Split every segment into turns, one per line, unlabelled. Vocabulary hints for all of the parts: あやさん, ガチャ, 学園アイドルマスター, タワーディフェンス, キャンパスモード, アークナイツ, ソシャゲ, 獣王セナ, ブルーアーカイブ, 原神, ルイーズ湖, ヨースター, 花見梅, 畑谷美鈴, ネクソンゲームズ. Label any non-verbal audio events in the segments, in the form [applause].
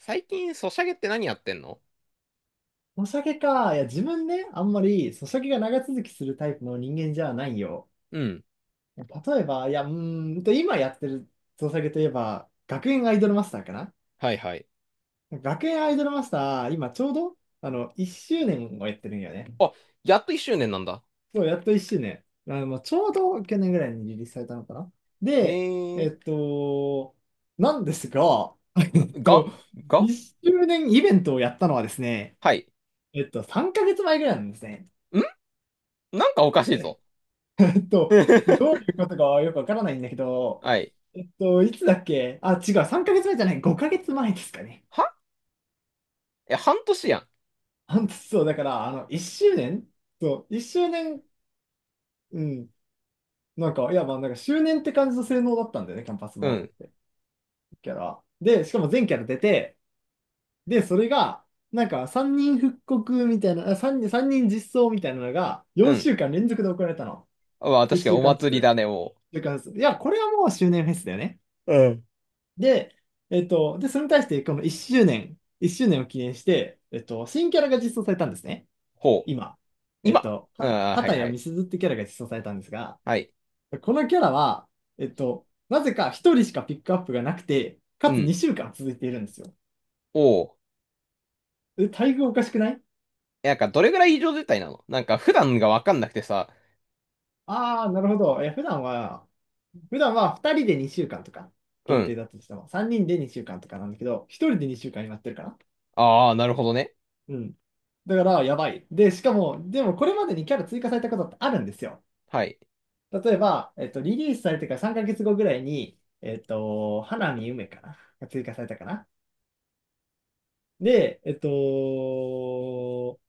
最近、ソシャゲって何やってんの？
お酒か。いや、自分ね、あんまり、そうお酒が長続きするタイプの人間じゃないよ。
うん。
例えば、いや、今やってるお酒といえば、学園アイドルマスターかな。
はいはい。
学園アイドルマスター、今ちょうど、1周年をやってるんよね。
あ、やっと1周年なんだ。
そう、やっと1周年。まちょうど去年ぐらいにリリースされたのかな。
へ
で、え
え。
っと、なんですが、[laughs] え
な、
っ
が、
と、
が
1周年イベントをやったのはですね、
はい。
3ヶ月前ぐらいなんですね。
んなんかおかしいぞ。
と、ど
[laughs]
ういうことかはよくわからないんだけど、
はい。
いつだっけ。あ、違う、3ヶ月前じゃない、5ヶ月前ですかね。
はえ、半年やん。
本当そう、だから、周年そう、1周年、うん、周年って感じの性能だったんだよね、キャンパス
う
モードっ
ん。
て、キャラ。で、しかも全キャラ出て、で、それが、なんか、3人実装みたいなのが、
う
4
ん。
週間連続で行われたの。
まあ、確か
1
に
週
お
間ず
祭り
つ。
だね、
週間ずつ。いや、これはもう周年フェスだよね。
うん。
で、それに対して、この1周年、1周年を記念して、新キャラが実装されたんですね。
ほう。
今。
今ああー、はい
畑
は
谷
い。
美鈴ってキャラが実装されたんですが、
はい。
このキャラは、なぜか1人しかピックアップがなくて、か
う
つ
ん。
2週間続いているんですよ。
おお。
え、待遇おかしくない？
え、なんか、どれぐらい異常事態なの？なんか、普段がわかんなくてさ。
ああー、なるほど。え普段は、普段は2人で2週間とか
う
限定
ん。
だったとしても、3人で2週間とかなんだけど、1人で2週間になってるかな。
ああ、なるほどね。
うん。だから、やばい。で、しかも、でもこれまでにキャラ追加されたことってあるんですよ。
はい。
例えば、リリースされてから3ヶ月後ぐらいに、花見梅かなが追加されたかな。で、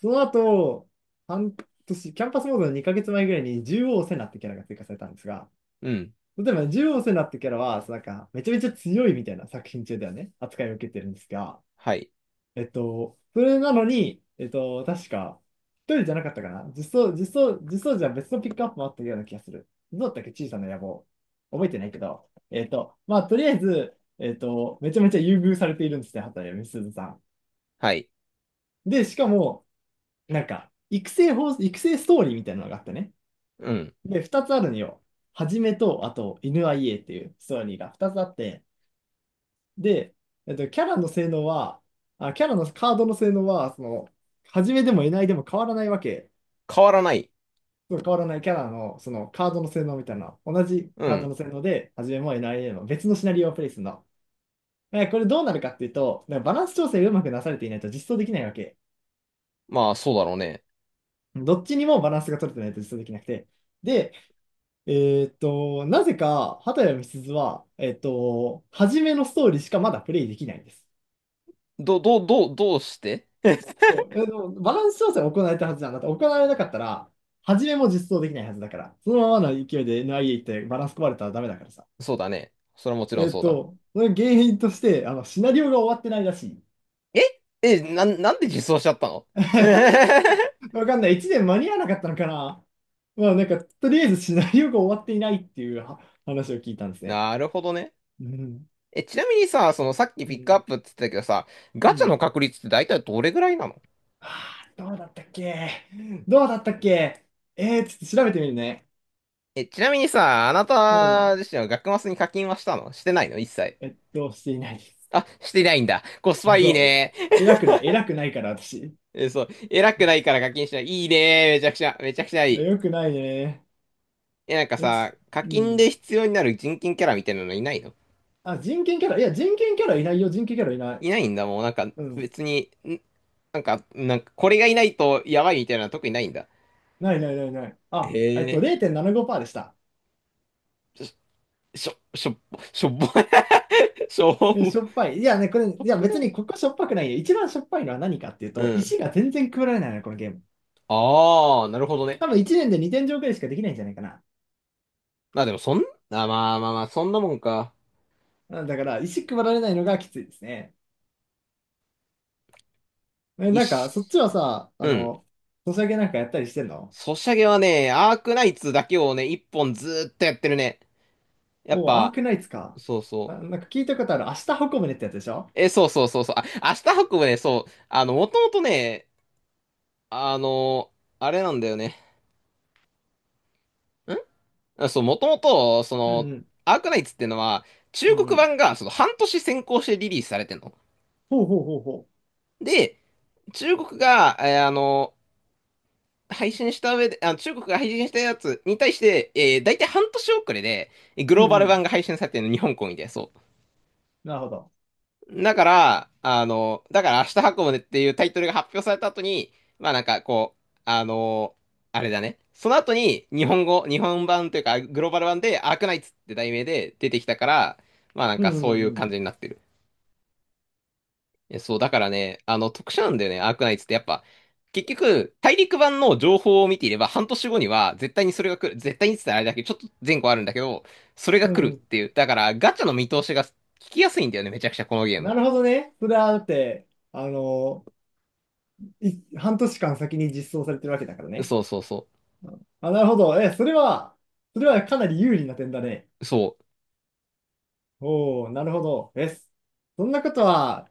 その後、半年、キャンパスモードの2ヶ月前ぐらいに獣王セナってキャラが追加されたんですが、
うん。
例えば、獣王セナってキャラは、なんか、めちゃめちゃ強いみたいな作品中ではね、扱いを受けてるんですが、
はい。
それなのに、確か、一人じゃなかったかな。実装じゃ別のピックアップもあったような気がする。どうだったっけ小さな野望。覚えてないけど。まあ、とりあえず、めちゃめちゃ優遇されているんですね、畑美鈴さん。
はい。
で、しかも、なんか、育成ストーリーみたいなのがあってね。
うん。
で、二つあるのよ。はじめと、あと、犬 IA っていうストーリーが二つあって、で、キャラの性能は、キャラのカードの性能は、その、始めでもいないでも変わらないわけ。
変わらない。
そう変わらないキャラの、そのカードの性能みたいな、同じ
う
カード
ん。
の性能で、始めもいないでも別のシナリオをプレイするの。え、これどうなるかっていうと、なんかバランス調整がうまくなされていないと実装できないわけ。
まあ、そうだろうね。
どっちにもバランスが取れてないと実装できなくて。で、えなぜか、畑谷美鈴は、初めのストーリーしかまだプレイできないんです。
どうして？ [laughs]
そう、えでもバランス調整は行われたはずなんだって、行われなかったら、初めも実装できないはずだから、そのままの勢いで NIA 行ってバランス壊れたらダメだからさ。
そうだね。それはもちろんそうだ。
その原因として、シナリオが終わってないらしい。
ええ、なんで実装しちゃったの？
[laughs]
[laughs]
わかんない。1年間に合わなかったのかな。まあ、なんか、とりあえずシナリオが終わっていないっていうは話を聞いたんですね。
なるほどね。
うん。
え、ちなみにさ、そのさっき
う
ピックアッ
ん。
プって言ってたけどさ、
う
ガチャの
ん。
確率って大体どれぐらいなの？
はあ、どうだったっけ。どうだったっけ。えー、ちょっと調べてみるね。
え、ちなみにさ、あな
う
た
ん。
自身は学マスに課金はしたのしてないの、一切。
していない。
あ、してないんだ。コスパいい
そう、え、
ね。[laughs]
偉くない、偉くないから私。
え、そう。偉くないから課金しない。いいね。めちゃくちゃ、めちゃくちゃいい。
よくないね。
え、なんか
え、つ
さ、課
う
金で
ん。
必要になる人権キャラみたいなのいないの？
あ、人権キャラいないよ、人権キャラいない。
いないんだ、もうなんか
うん。
別に、なんかこれがいないとやばいみたいなのは特にないんだ。
ないないないない。
へ
あ、
え。
0.75%でした。
しょ、しょ、しょっぽ、[laughs] しょっぽ、[laughs] しょっぽ、
え、し
シ
ょっぱい。いやね、これ、い
ョ
や、
ッ
別
が、
にここしょっぱくないよ。一番しょっぱいのは何かっていう
う
と、
ん。
石が全然配られないの、このゲーム。
ああ、なるほどね。
多分1年で2点上くらいしかできないんじゃないかな。
まあでもあ、まあまあまあ、そんなもんか。
うんだから、石配られないのがきついですね。え、
一
なんか、
し、
そっちはさ、
うん。
ソシャゲなんかやったりしてんの？
ソシャゲはね、アークナイツだけをね、一本ずーっとやってるね。やっ
おー、アー
ぱ、
クナイツか。
そう
あ、
そう。
なんか聞いたことある。明日運ぶねってやつでしょ？
え、そうそうそうそう。あ、明日運ぶね、そう。もともとね、あの、あれなんだよね。んあ、そう、もともと、
うんうん。
アークナイツっていうのは、
う
中
んう
国
ん。
版がその半年先行してリリースされてんの。
ほうほうほうほ
で、中国が、配信した上で、あ、中国が配信したやつに対して、大体半年遅れで、グ
う。う
ローバ
んう
ル
ん。
版が配信されてるの、日本公演で、そう。
なるほど。
だから明日運ぶねっていうタイトルが発表された後に、まあなんかこう、あれだね。その後に日本版というかグローバル版でアークナイツって題名で出てきたから、まあなん
う
かそうい
ん
う
うん
感じになってる。え、そう、だからね、特殊なんだよね、アークナイツってやっぱ、結局、大陸版の情報を見ていれば半年後には絶対にそれが来る。絶対にって言ったらあれだけど、ちょっと前後あるんだけど、それが
うん。
来
う
るっ
ん。
ていう。だからガチャの見通しが聞きやすいんだよね、めちゃくちゃこのゲーム。
なるほどね。それはだって、あのい、半年間先に実装されてるわけだからね。
そうそうそう。
うんあ、なるほど。え、それは、それはかなり有利な点だね。
そ
おお、なるほど。え、そんなことは、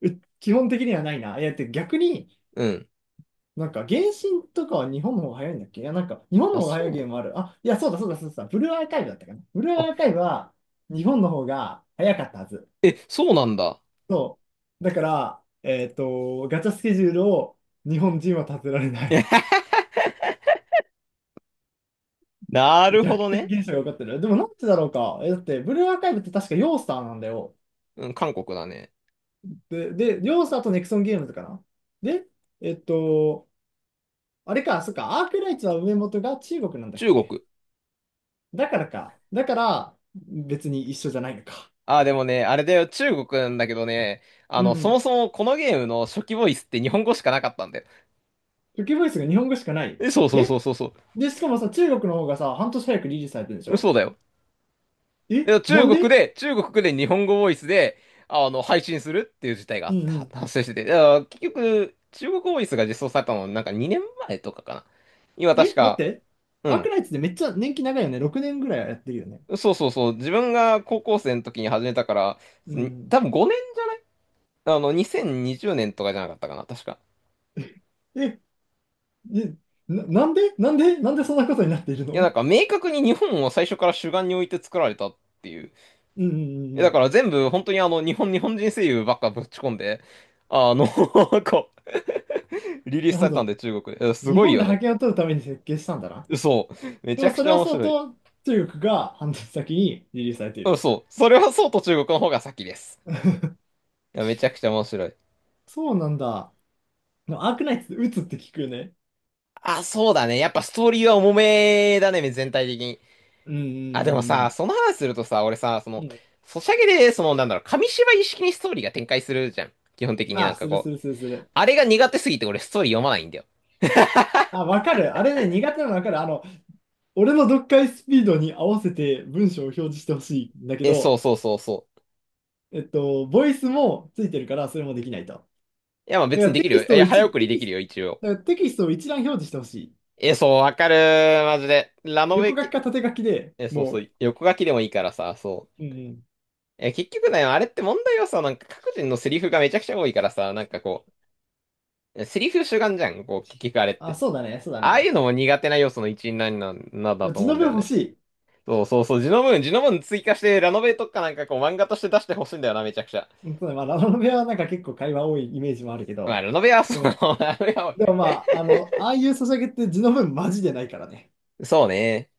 う基本的にはないな。いや、だって逆に、
う。うん。
なんか、原神とかは日本の方が早いんだっけ？いや、なんか、日本
あ、
の方が
そ
早いゲ
う。
ームある。あ、いや、そうだそうだそうだ。ブルーアーカイブだったかな。ブルーアーカ
あ、
イブは日本の方が早かったはず。
え、そうなんだ。
そう。だから、ガチャスケジュールを日本人は立てられない。
[laughs] な
[laughs]
るほ
逆
ど
転
ね。
現象が起こってる。でもなんでだろうか。え、だって、ブルーアーカイブって確かヨースターなんだよ。
うん、韓国だね。
で、ヨースターとネクソンゲームズかな。で、えっと、あれか、そっか、アークライツは上元が中国なんだっ
中
け？
国。
だからか。だから、別に一緒じゃないのか。
あ、でもね、あれだよ、中国なんだけどね、
う
そも
ん。
そもこのゲームの初期ボイスって日本語しかなかったんだよ。
初期ボイスが日本語しかない。
え、そうそうそ
え
うそうそ
で、しかもさ、中国の方がさ、半年早くリリースされてるんでし
う。そ
ょ？
うだよ。い
え
や、
な
中
ん
国
で？
で、中国で日本語ボイスで、配信するっていう事態があ
う
っ
んう
た、
ん。
発生してて。いや結局、中国ボイスが実装されたの、なんか2年前とかかな。今確
え待っ
か、
て。
う
アーク
ん。
ナイツでめっちゃ年季長いよね。6年ぐらいはやってるよね。
そうそうそう、自分が高校生の時に始めたから、
うん。
多分5年、2020年とかじゃなかったかな、確か。
え、え、なんでそんなことになっている
いや、なん
の？
か明確に日本を最初から主眼に置いて作られたっていう。
うんうんうん
え
う
だ
ん。
から全部本当に日本人声優ばっかぶち込んで、[laughs] こう、リリース
なる
さ
ほ
れたん
ど。
で中国で。す
日
ごい
本
よ
で覇
ね。
権を取るために設計したんだな。
そう。め
で
ち
も
ゃく
そ
ち
れ
ゃ
は
面
そう
白い。
と、中国が半年先にリリースされてい
うん、
る。
そう。それはそうと中国の方が先です。いやめちゃくちゃ面白い。
そうなんだ。アークナイツ打つって聞くよね。
あ、そうだね。やっぱストーリーは重めだね、全体的に。
うんう
あ、でも
んう
さ、
ん
その話するとさ、俺さ、
うん。うん。
ソシャゲで、なんだろう、紙芝居式にストーリーが展開するじゃん。基本的になん
あ、
か
する
こ
す
う、
るするする。
あれが苦手すぎて俺ストーリー読まないんだよ。
あ、わかる。あれね、苦手なのわかる。俺の読解スピードに合わせて文章を表示してほしいんだけ
え、そう
ど、
そうそうそう。
ボイスもついてるから、それもできないと。
いや、まあ
だ
別
か
に
ら
で
テ
きる
キ
よ。い
ストを
や、早
一、
送り
テ
で
キ
き
ス
る
ト、
よ、一応。
だからテキストを一覧表示してほしい。
え、そう、わかるマジで。ラノベ
横書き
系、
か縦書きで
え、そうそ
も
う、横書きでもいいからさ、そう。
う、うんうん。
え、結局ね、あれって問題はさ、なんか各人のセリフがめちゃくちゃ多いからさ、なんかこう、セリフ主眼じゃん、こう、結局あれっ
あ、
て。
そうだね、そうだ
ああいう
ね。
のも苦手な要素の一員なんなんだと
字
思う
の
んだ
分
よ
欲
ね。
しい。
そうそうそう、ジノムーン、ジノムーン追加して、ラノベとかなんかこう漫画として出してほしいんだよな、めちゃくちゃ。
うんそうだねまあ、ラノベはなんか結構会話多いイメージもあるけ
まあ、
ど、
ラノベはそう、
で
[laughs]
も、
ラノベは
でもまあ、ああいうソシャゲって字の文マジでないからね。
そうね。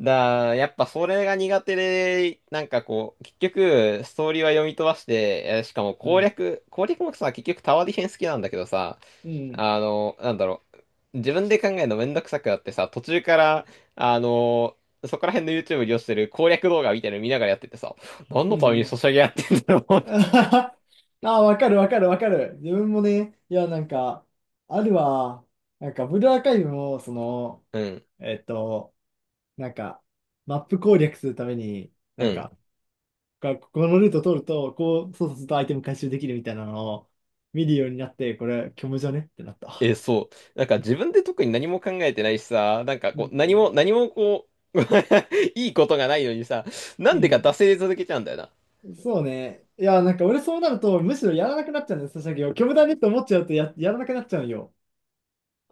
やっぱそれが苦手で、なんかこう、結局、ストーリーは読み飛ばして、しかも
う
攻
ん。
略、攻略もさ、結局タワーディフェンス好きなんだけどさ、
うん、
なんだろう、自分で考えるのめんどくさくなってさ、途中から、あの、そこら辺の YouTube に利用してる攻略動画みたいなの見ながらやっててさ、何
う
のため
ん。[laughs]
に
う
ソ
ん
シャゲやってんだろうって。
ああ、わかる。自分もね、いや、なんか、あるわ。なんか、ブルーアーカイブも、その、
うん、
えっと、なんか、マップ攻略するために、
う
なん
ん。
か、こここのルート通ると、そうするとアイテム回収できるみたいなのを見るようになって、これ、虚無じゃねってなっ
え、
た。
そう。なんか自分で特に何も考えてないしさ、なんか
う
こう、何
ん。
も、何もこう、[laughs] いいことがないのにさ、な
う
んでか惰
ん。
性で続けちゃうんだよな。
そうね。いや、なんか俺そうなると、むしろやらなくなっちゃうんです、ソシャゲを。虚無だねって思っちゃうとや、やらなくなっちゃうんよ。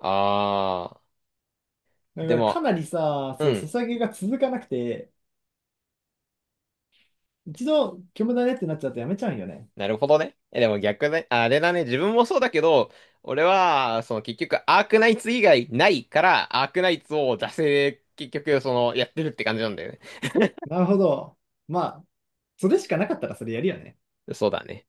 あ
だ
ー、で
からか
も、
なりさ、
う
そう、ソ
ん、
シャゲが続かなくて、一度虚無だねってなっちゃうとやめちゃうんよね。
なるほどね。え、でも逆ね、あれだね、自分もそうだけど、俺は、その結局、アークナイツ以外ないから、アークナイツを惰性で結局、やってるって感じなんだよね。
なるほど。まあ、それしかなかったらそれやるよね。
そうだね。